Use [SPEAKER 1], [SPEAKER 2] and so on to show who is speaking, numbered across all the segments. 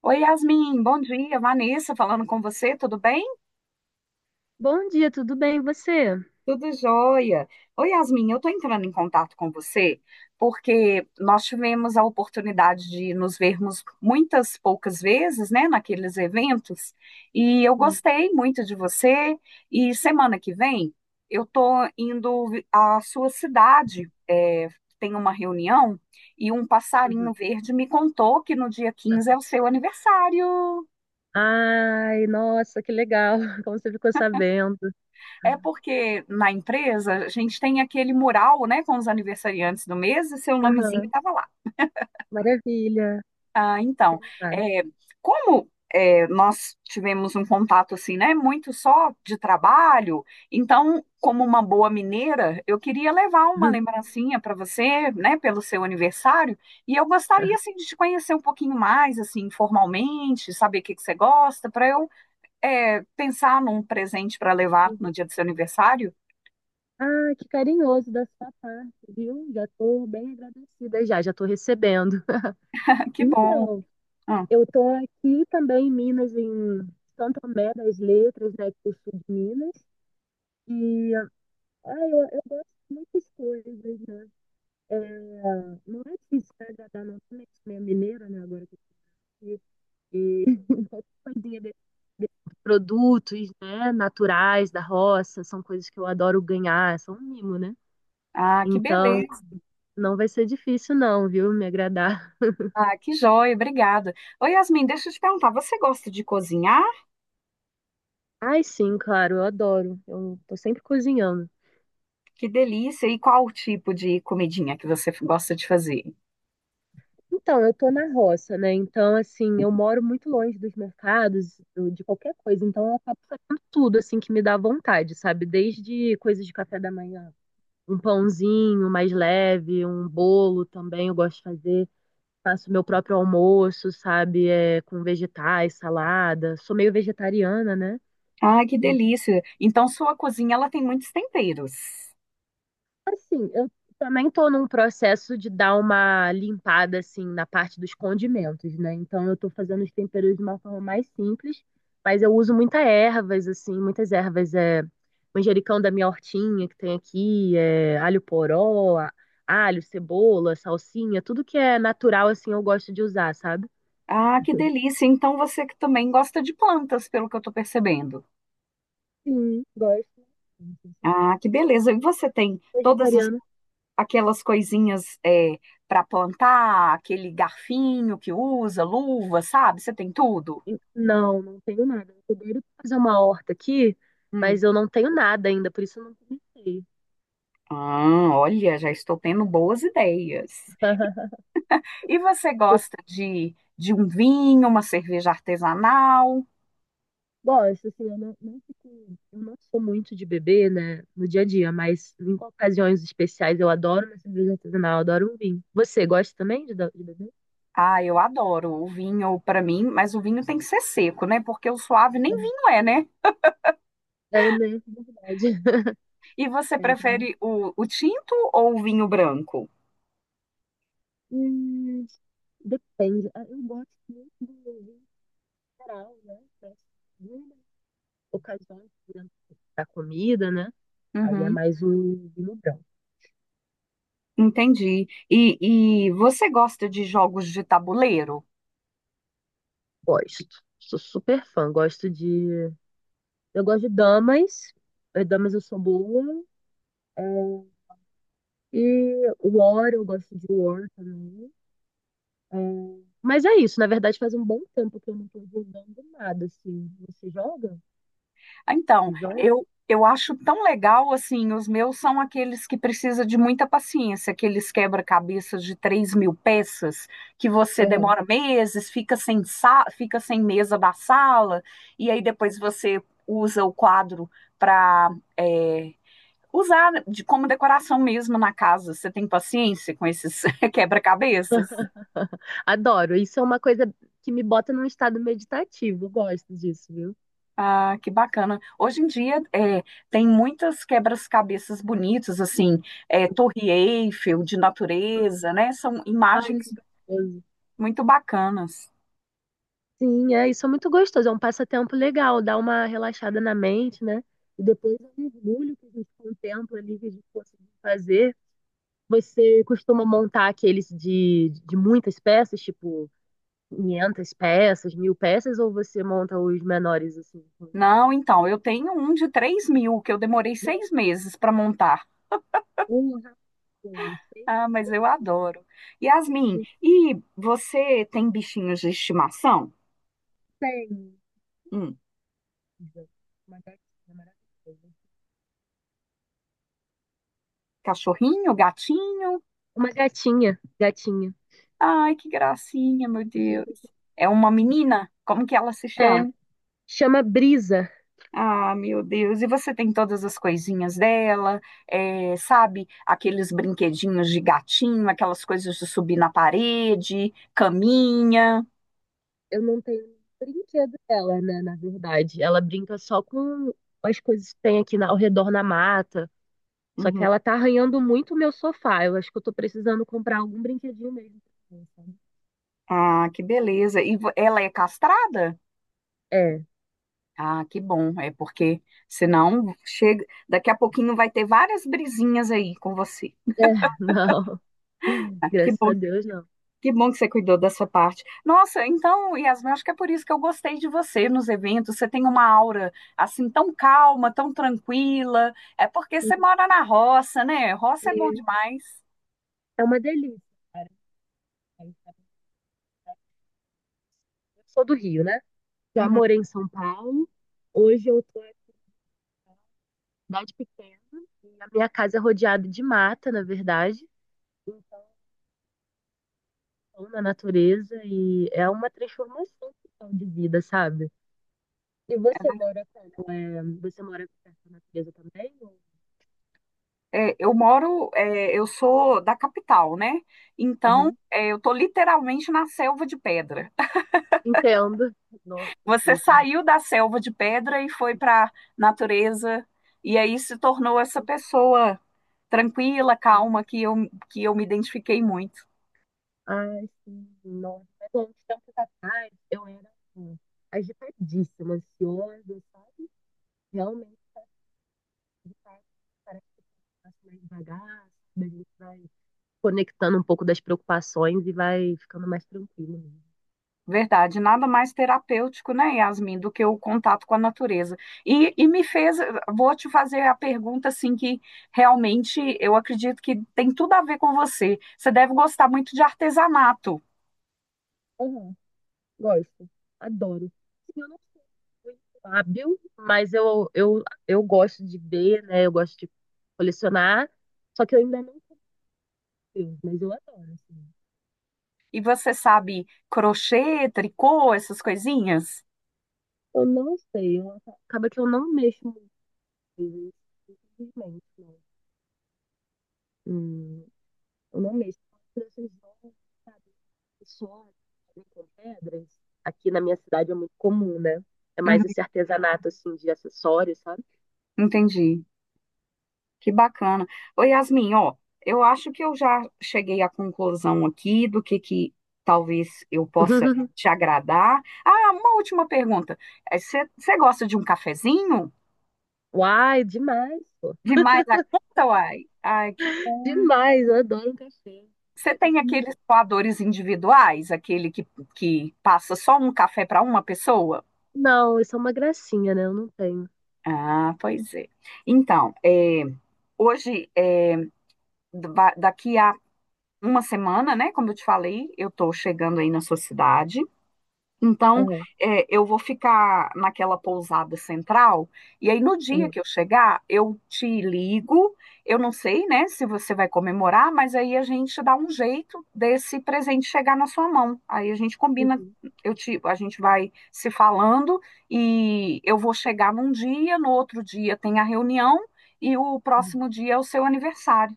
[SPEAKER 1] Oi, Yasmin, bom dia. Vanessa falando com você, tudo bem?
[SPEAKER 2] Bom dia, tudo bem? E você?
[SPEAKER 1] Tudo jóia. Oi, Yasmin, eu estou entrando em contato com você porque nós tivemos a oportunidade de nos vermos muitas poucas vezes, né, naqueles eventos, e eu
[SPEAKER 2] Hum,
[SPEAKER 1] gostei muito de você. E semana que vem eu estou indo à sua cidade, tem uma reunião, e um
[SPEAKER 2] uhum.
[SPEAKER 1] passarinho verde me contou que no dia 15 é o seu aniversário.
[SPEAKER 2] Ai, nossa, que legal. Como você ficou sabendo?
[SPEAKER 1] É porque na empresa a gente tem aquele mural, né, com os aniversariantes do mês e seu nomezinho
[SPEAKER 2] Aham,
[SPEAKER 1] estava lá.
[SPEAKER 2] maravilha.
[SPEAKER 1] Ah, então,
[SPEAKER 2] Obrigada.
[SPEAKER 1] é, como nós tivemos um contato assim, né, muito só de trabalho, então, como uma boa mineira, eu queria levar uma lembrancinha para você, né, pelo seu aniversário, e eu gostaria assim de te conhecer um pouquinho mais, assim, formalmente, saber o que que você gosta, para eu pensar num presente para levar no
[SPEAKER 2] Uhum.
[SPEAKER 1] dia do seu aniversário.
[SPEAKER 2] Ah, que carinhoso da sua parte, viu? Já estou bem agradecida já, já estou recebendo.
[SPEAKER 1] Que bom.
[SPEAKER 2] Então,
[SPEAKER 1] Hum.
[SPEAKER 2] eu estou aqui também em Minas, em Santo Tomé das Letras, né, que eu sou de Minas. E eu gosto de muitas coisas, né? É, não é difícil agradar, não, também, minha mineira, né, agora que eu E a ideia de produtos, né, naturais da roça, são coisas que eu adoro ganhar, são um mimo, né?
[SPEAKER 1] Ah, que
[SPEAKER 2] Então,
[SPEAKER 1] beleza.
[SPEAKER 2] não vai ser difícil não, viu? Me agradar.
[SPEAKER 1] Ah, que joia, obrigada. Oi, Yasmin, deixa eu te perguntar, você gosta de cozinhar?
[SPEAKER 2] Ai, sim, claro, eu adoro. Eu tô sempre cozinhando.
[SPEAKER 1] Que delícia! E qual o tipo de comidinha que você gosta de fazer?
[SPEAKER 2] Então, eu tô na roça, né? Então, assim, eu moro muito longe dos mercados, de qualquer coisa. Então, eu acabo fazendo tudo, assim, que me dá vontade, sabe? Desde coisas de café da manhã, um pãozinho mais leve, um bolo também eu gosto de fazer. Faço meu próprio almoço, sabe? É, com vegetais, salada. Sou meio vegetariana, né?
[SPEAKER 1] Ah, que
[SPEAKER 2] Então,
[SPEAKER 1] delícia. Então, sua cozinha, ela tem muitos temperos.
[SPEAKER 2] assim, eu também tô num processo de dar uma limpada, assim, na parte dos condimentos, né? Então, eu tô fazendo os temperos de uma forma mais simples, mas eu uso muitas ervas, assim, muitas ervas. É, manjericão da minha hortinha que tem aqui, é, alho poró, alho, cebola, salsinha, tudo que é natural, assim, eu gosto de usar, sabe?
[SPEAKER 1] Ah, que delícia. Então, você que também gosta de plantas, pelo que eu estou percebendo.
[SPEAKER 2] Sim, gosto.
[SPEAKER 1] Ah, que beleza. E você tem todas as-
[SPEAKER 2] Vegetariano.
[SPEAKER 1] aquelas coisinhas para plantar, aquele garfinho que usa, luva, sabe? Você tem tudo?
[SPEAKER 2] Não, não tenho nada. Eu tô doida pra fazer uma horta aqui,
[SPEAKER 1] Hum.
[SPEAKER 2] mas eu não tenho nada ainda, por isso eu não comecei.
[SPEAKER 1] Ah, olha, já estou tendo boas ideias. E você
[SPEAKER 2] Eu
[SPEAKER 1] gosta de um vinho, uma cerveja artesanal?
[SPEAKER 2] gosto, assim, eu não, eu não sou muito de beber, né, no dia a dia, mas em ocasiões especiais eu adoro uma cerveja artesanal, eu adoro um vinho. Você gosta também de beber?
[SPEAKER 1] Ah, eu adoro o vinho para mim, mas o vinho tem que ser seco, né? Porque o suave nem
[SPEAKER 2] Não.
[SPEAKER 1] vinho é, né?
[SPEAKER 2] É, né? É verdade.
[SPEAKER 1] E você
[SPEAKER 2] É, pra mim.
[SPEAKER 1] prefere o tinto ou o vinho branco?
[SPEAKER 2] Hum, depende. Ah, eu gosto muito do vinho geral, né? Mas, hum, ocasiões, por exemplo, da comida, né? Aí é
[SPEAKER 1] Uhum,
[SPEAKER 2] mais um vinho branco.
[SPEAKER 1] entendi. E você gosta de jogos de tabuleiro?
[SPEAKER 2] Gosto. Sou super fã. Gosto de. Eu gosto de damas. Damas eu sou boa. É, e War, eu gosto de War também. É, mas é isso. Na verdade, faz um bom tempo que eu não tô jogando nada, assim. Você joga?
[SPEAKER 1] Ah, então,
[SPEAKER 2] Você joga?
[SPEAKER 1] eu acho tão legal assim. Os meus são aqueles que precisa de muita paciência, aqueles quebra-cabeças de 3.000 peças, que você
[SPEAKER 2] Aham.
[SPEAKER 1] demora meses, fica sem mesa da sala, e aí depois você usa o quadro para usar como decoração mesmo na casa. Você tem paciência com esses quebra-cabeças?
[SPEAKER 2] Adoro. Isso é uma coisa que me bota num estado meditativo. Eu gosto disso, viu?
[SPEAKER 1] Ah, que bacana. Hoje em dia tem muitas quebras-cabeças bonitas, assim, é, Torre Eiffel, de natureza, né? São
[SPEAKER 2] Ai,
[SPEAKER 1] imagens
[SPEAKER 2] que gostoso.
[SPEAKER 1] muito bacanas.
[SPEAKER 2] Sim, é, isso é muito gostoso, é um passatempo legal, dá uma relaxada na mente, né? E depois é um orgulho que a gente contempla ali, que a gente conseguiu fazer. Você costuma montar aqueles de muitas peças, tipo 500 peças, 1000 peças, ou você monta os menores assim? Com
[SPEAKER 1] Não, então, eu tenho um de 3.000 que eu demorei 6 meses para montar.
[SPEAKER 2] um rascunho, seis,
[SPEAKER 1] Ah, mas eu adoro. Yasmin, e você tem bichinhos de estimação?
[SPEAKER 2] desenho,
[SPEAKER 1] Hum,
[SPEAKER 2] uma gatinha maravilhosa.
[SPEAKER 1] cachorrinho, gatinho?
[SPEAKER 2] Uma gatinha, gatinha.
[SPEAKER 1] Ai, que gracinha, meu Deus. É uma menina? Como que ela se chama?
[SPEAKER 2] É, chama Brisa.
[SPEAKER 1] Ah, meu Deus, e você tem todas as coisinhas dela, eh, sabe? Aqueles brinquedinhos de gatinho, aquelas coisas de subir na parede, caminha.
[SPEAKER 2] Eu não tenho um brinquedo dela, né? Na verdade, ela brinca só com as coisas que tem aqui ao redor na mata. Só que
[SPEAKER 1] Uhum.
[SPEAKER 2] ela tá arranhando muito o meu sofá. Eu acho que eu tô precisando comprar algum brinquedinho mesmo pra ela, sabe?
[SPEAKER 1] Ah, que beleza. Ela é castrada?
[SPEAKER 2] É,
[SPEAKER 1] Ah, que bom, é porque senão chega, daqui a pouquinho vai ter várias brisinhas aí com você.
[SPEAKER 2] é, não.
[SPEAKER 1] Ah, que
[SPEAKER 2] Graças
[SPEAKER 1] bom.
[SPEAKER 2] a Deus, não.
[SPEAKER 1] Que bom que você cuidou da sua parte. Nossa, então, Yasmin, acho que é por isso que eu gostei de você nos eventos. Você tem uma aura assim tão calma, tão tranquila. É porque você mora na roça, né? Roça é bom
[SPEAKER 2] E
[SPEAKER 1] demais.
[SPEAKER 2] é uma delícia, cara. Eu sou do Rio, né? Já
[SPEAKER 1] Uhum.
[SPEAKER 2] morei em São Paulo. Hoje eu tô em cidade pequena e a minha casa é rodeada de mata, na verdade, na natureza, e é uma transformação total de vida, sabe? E você mora como? É, você mora perto da natureza também? Ou...
[SPEAKER 1] É, eu moro, é, eu sou da capital, né? Então,
[SPEAKER 2] Aham.
[SPEAKER 1] é, eu tô literalmente na selva de pedra.
[SPEAKER 2] Entendo. Nossa, eu
[SPEAKER 1] Você
[SPEAKER 2] sei como é
[SPEAKER 1] saiu da selva de pedra e foi para natureza e aí se tornou essa
[SPEAKER 2] que-
[SPEAKER 1] pessoa tranquila,
[SPEAKER 2] é.
[SPEAKER 1] calma que eu me identifiquei muito.
[SPEAKER 2] Ai, sim, nossa. Mas há uns tempos atrás eu era assim, agitadíssima, ansiosa, sabe? Realmente, de fato, parece que passa mais devagar, sabe? A gente vai conectando um pouco das preocupações e vai ficando mais tranquilo.
[SPEAKER 1] Verdade, nada mais terapêutico, né, Yasmin, do que o contato com a natureza. E, e me fez, Vou te fazer a pergunta, assim, que realmente eu acredito que tem tudo a ver com você. Você deve gostar muito de artesanato.
[SPEAKER 2] Mesmo. Gosto. Adoro. Sim, eu não sou muito hábil, mas eu gosto de ver, né? Eu gosto de colecionar. Só que eu ainda não tenho, mas eu adoro, assim.
[SPEAKER 1] E você sabe crochê, tricô, essas coisinhas?
[SPEAKER 2] Eu não sei, acaba que eu não mexo muito, né, infelizmente, não. Hum, eu não mexo. Eu gosto jogos, sabe? Só com pedras. Aqui na minha cidade é muito comum, né? É
[SPEAKER 1] Uhum,
[SPEAKER 2] mais esse artesanato, assim, de acessórios, sabe?
[SPEAKER 1] entendi. Que bacana. Ô, Yasmin, ó, eu acho que eu já cheguei à conclusão aqui do que talvez eu possa te agradar. Ah, uma última pergunta. Você gosta de um cafezinho?
[SPEAKER 2] Uai, demais, pô.
[SPEAKER 1] Demais a conta, uai? Ai, que bom.
[SPEAKER 2] Demais, eu adoro um café.
[SPEAKER 1] Você
[SPEAKER 2] É a
[SPEAKER 1] tem
[SPEAKER 2] coisa
[SPEAKER 1] aqueles
[SPEAKER 2] melhor.
[SPEAKER 1] coadores individuais, que passa só um café para uma pessoa?
[SPEAKER 2] Não, isso é uma gracinha, né? Eu não tenho.
[SPEAKER 1] Ah, pois é. Então, hoje, é, daqui a uma semana, né? Como eu te falei, eu estou chegando aí na sua cidade. Então,
[SPEAKER 2] Aham,
[SPEAKER 1] é, eu vou ficar naquela pousada central, e aí no dia
[SPEAKER 2] aham.
[SPEAKER 1] que eu chegar, eu te ligo. Eu não sei, né, se você vai comemorar, mas aí a gente dá um jeito desse presente chegar na sua mão. Aí a gente combina,
[SPEAKER 2] Uhum,
[SPEAKER 1] a gente vai se falando e eu vou chegar num dia, no outro dia tem a reunião e o
[SPEAKER 2] uhum.
[SPEAKER 1] próximo dia é o seu aniversário.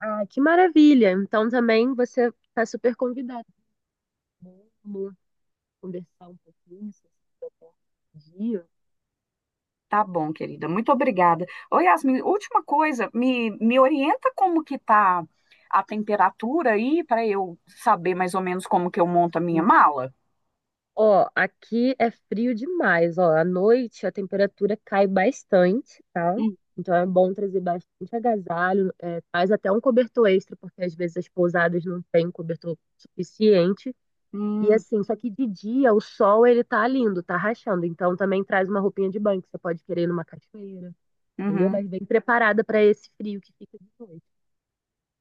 [SPEAKER 2] Ah, que maravilha! Então também você está super convidado. Vamos conversar um pouquinho se você tiver dia.
[SPEAKER 1] Tá bom, querida. Muito obrigada. Ô, Yasmin, última coisa, me orienta como que tá a temperatura aí para eu saber mais ou menos como que eu monto a minha
[SPEAKER 2] Hum.
[SPEAKER 1] mala?
[SPEAKER 2] Ó, aqui é frio demais, ó. À noite a temperatura cai bastante, tá?
[SPEAKER 1] Hum,
[SPEAKER 2] Então é bom trazer bastante agasalho, é, traz até um cobertor extra, porque às vezes as pousadas não têm cobertor suficiente. E
[SPEAKER 1] Hum,
[SPEAKER 2] assim, só que de dia o sol ele tá lindo, tá rachando. Então também traz uma roupinha de banho que você pode querer ir numa cachoeira, entendeu?
[SPEAKER 1] uhum.
[SPEAKER 2] Mas bem preparada para esse frio que fica de noite.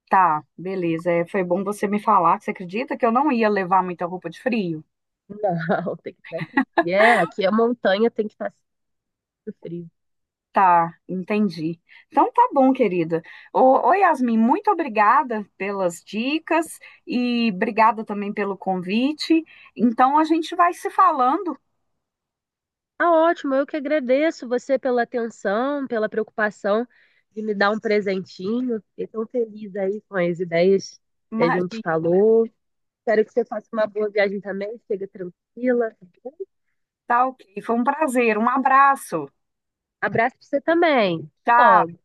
[SPEAKER 1] Tá, beleza. É, foi bom você me falar. Você acredita que eu não ia levar muita roupa de frio?
[SPEAKER 2] Não, tem que estar frio. E é, aqui a montanha tem que estar sempre frio.
[SPEAKER 1] Tá, entendi. Então tá bom, querida. Ô, Yasmin, muito obrigada pelas dicas e obrigada também pelo convite. Então a gente vai se falando.
[SPEAKER 2] Ah, ótimo, eu que agradeço você pela atenção, pela preocupação de me dar um presentinho. Fiquei tão feliz aí com as ideias que a gente
[SPEAKER 1] Imagina.
[SPEAKER 2] falou. Espero que você faça uma boa viagem também, chega tranquila. Tá.
[SPEAKER 1] Tá ok. Foi um prazer. Um abraço.
[SPEAKER 2] Abraço pra você também. Ó,
[SPEAKER 1] Tchau.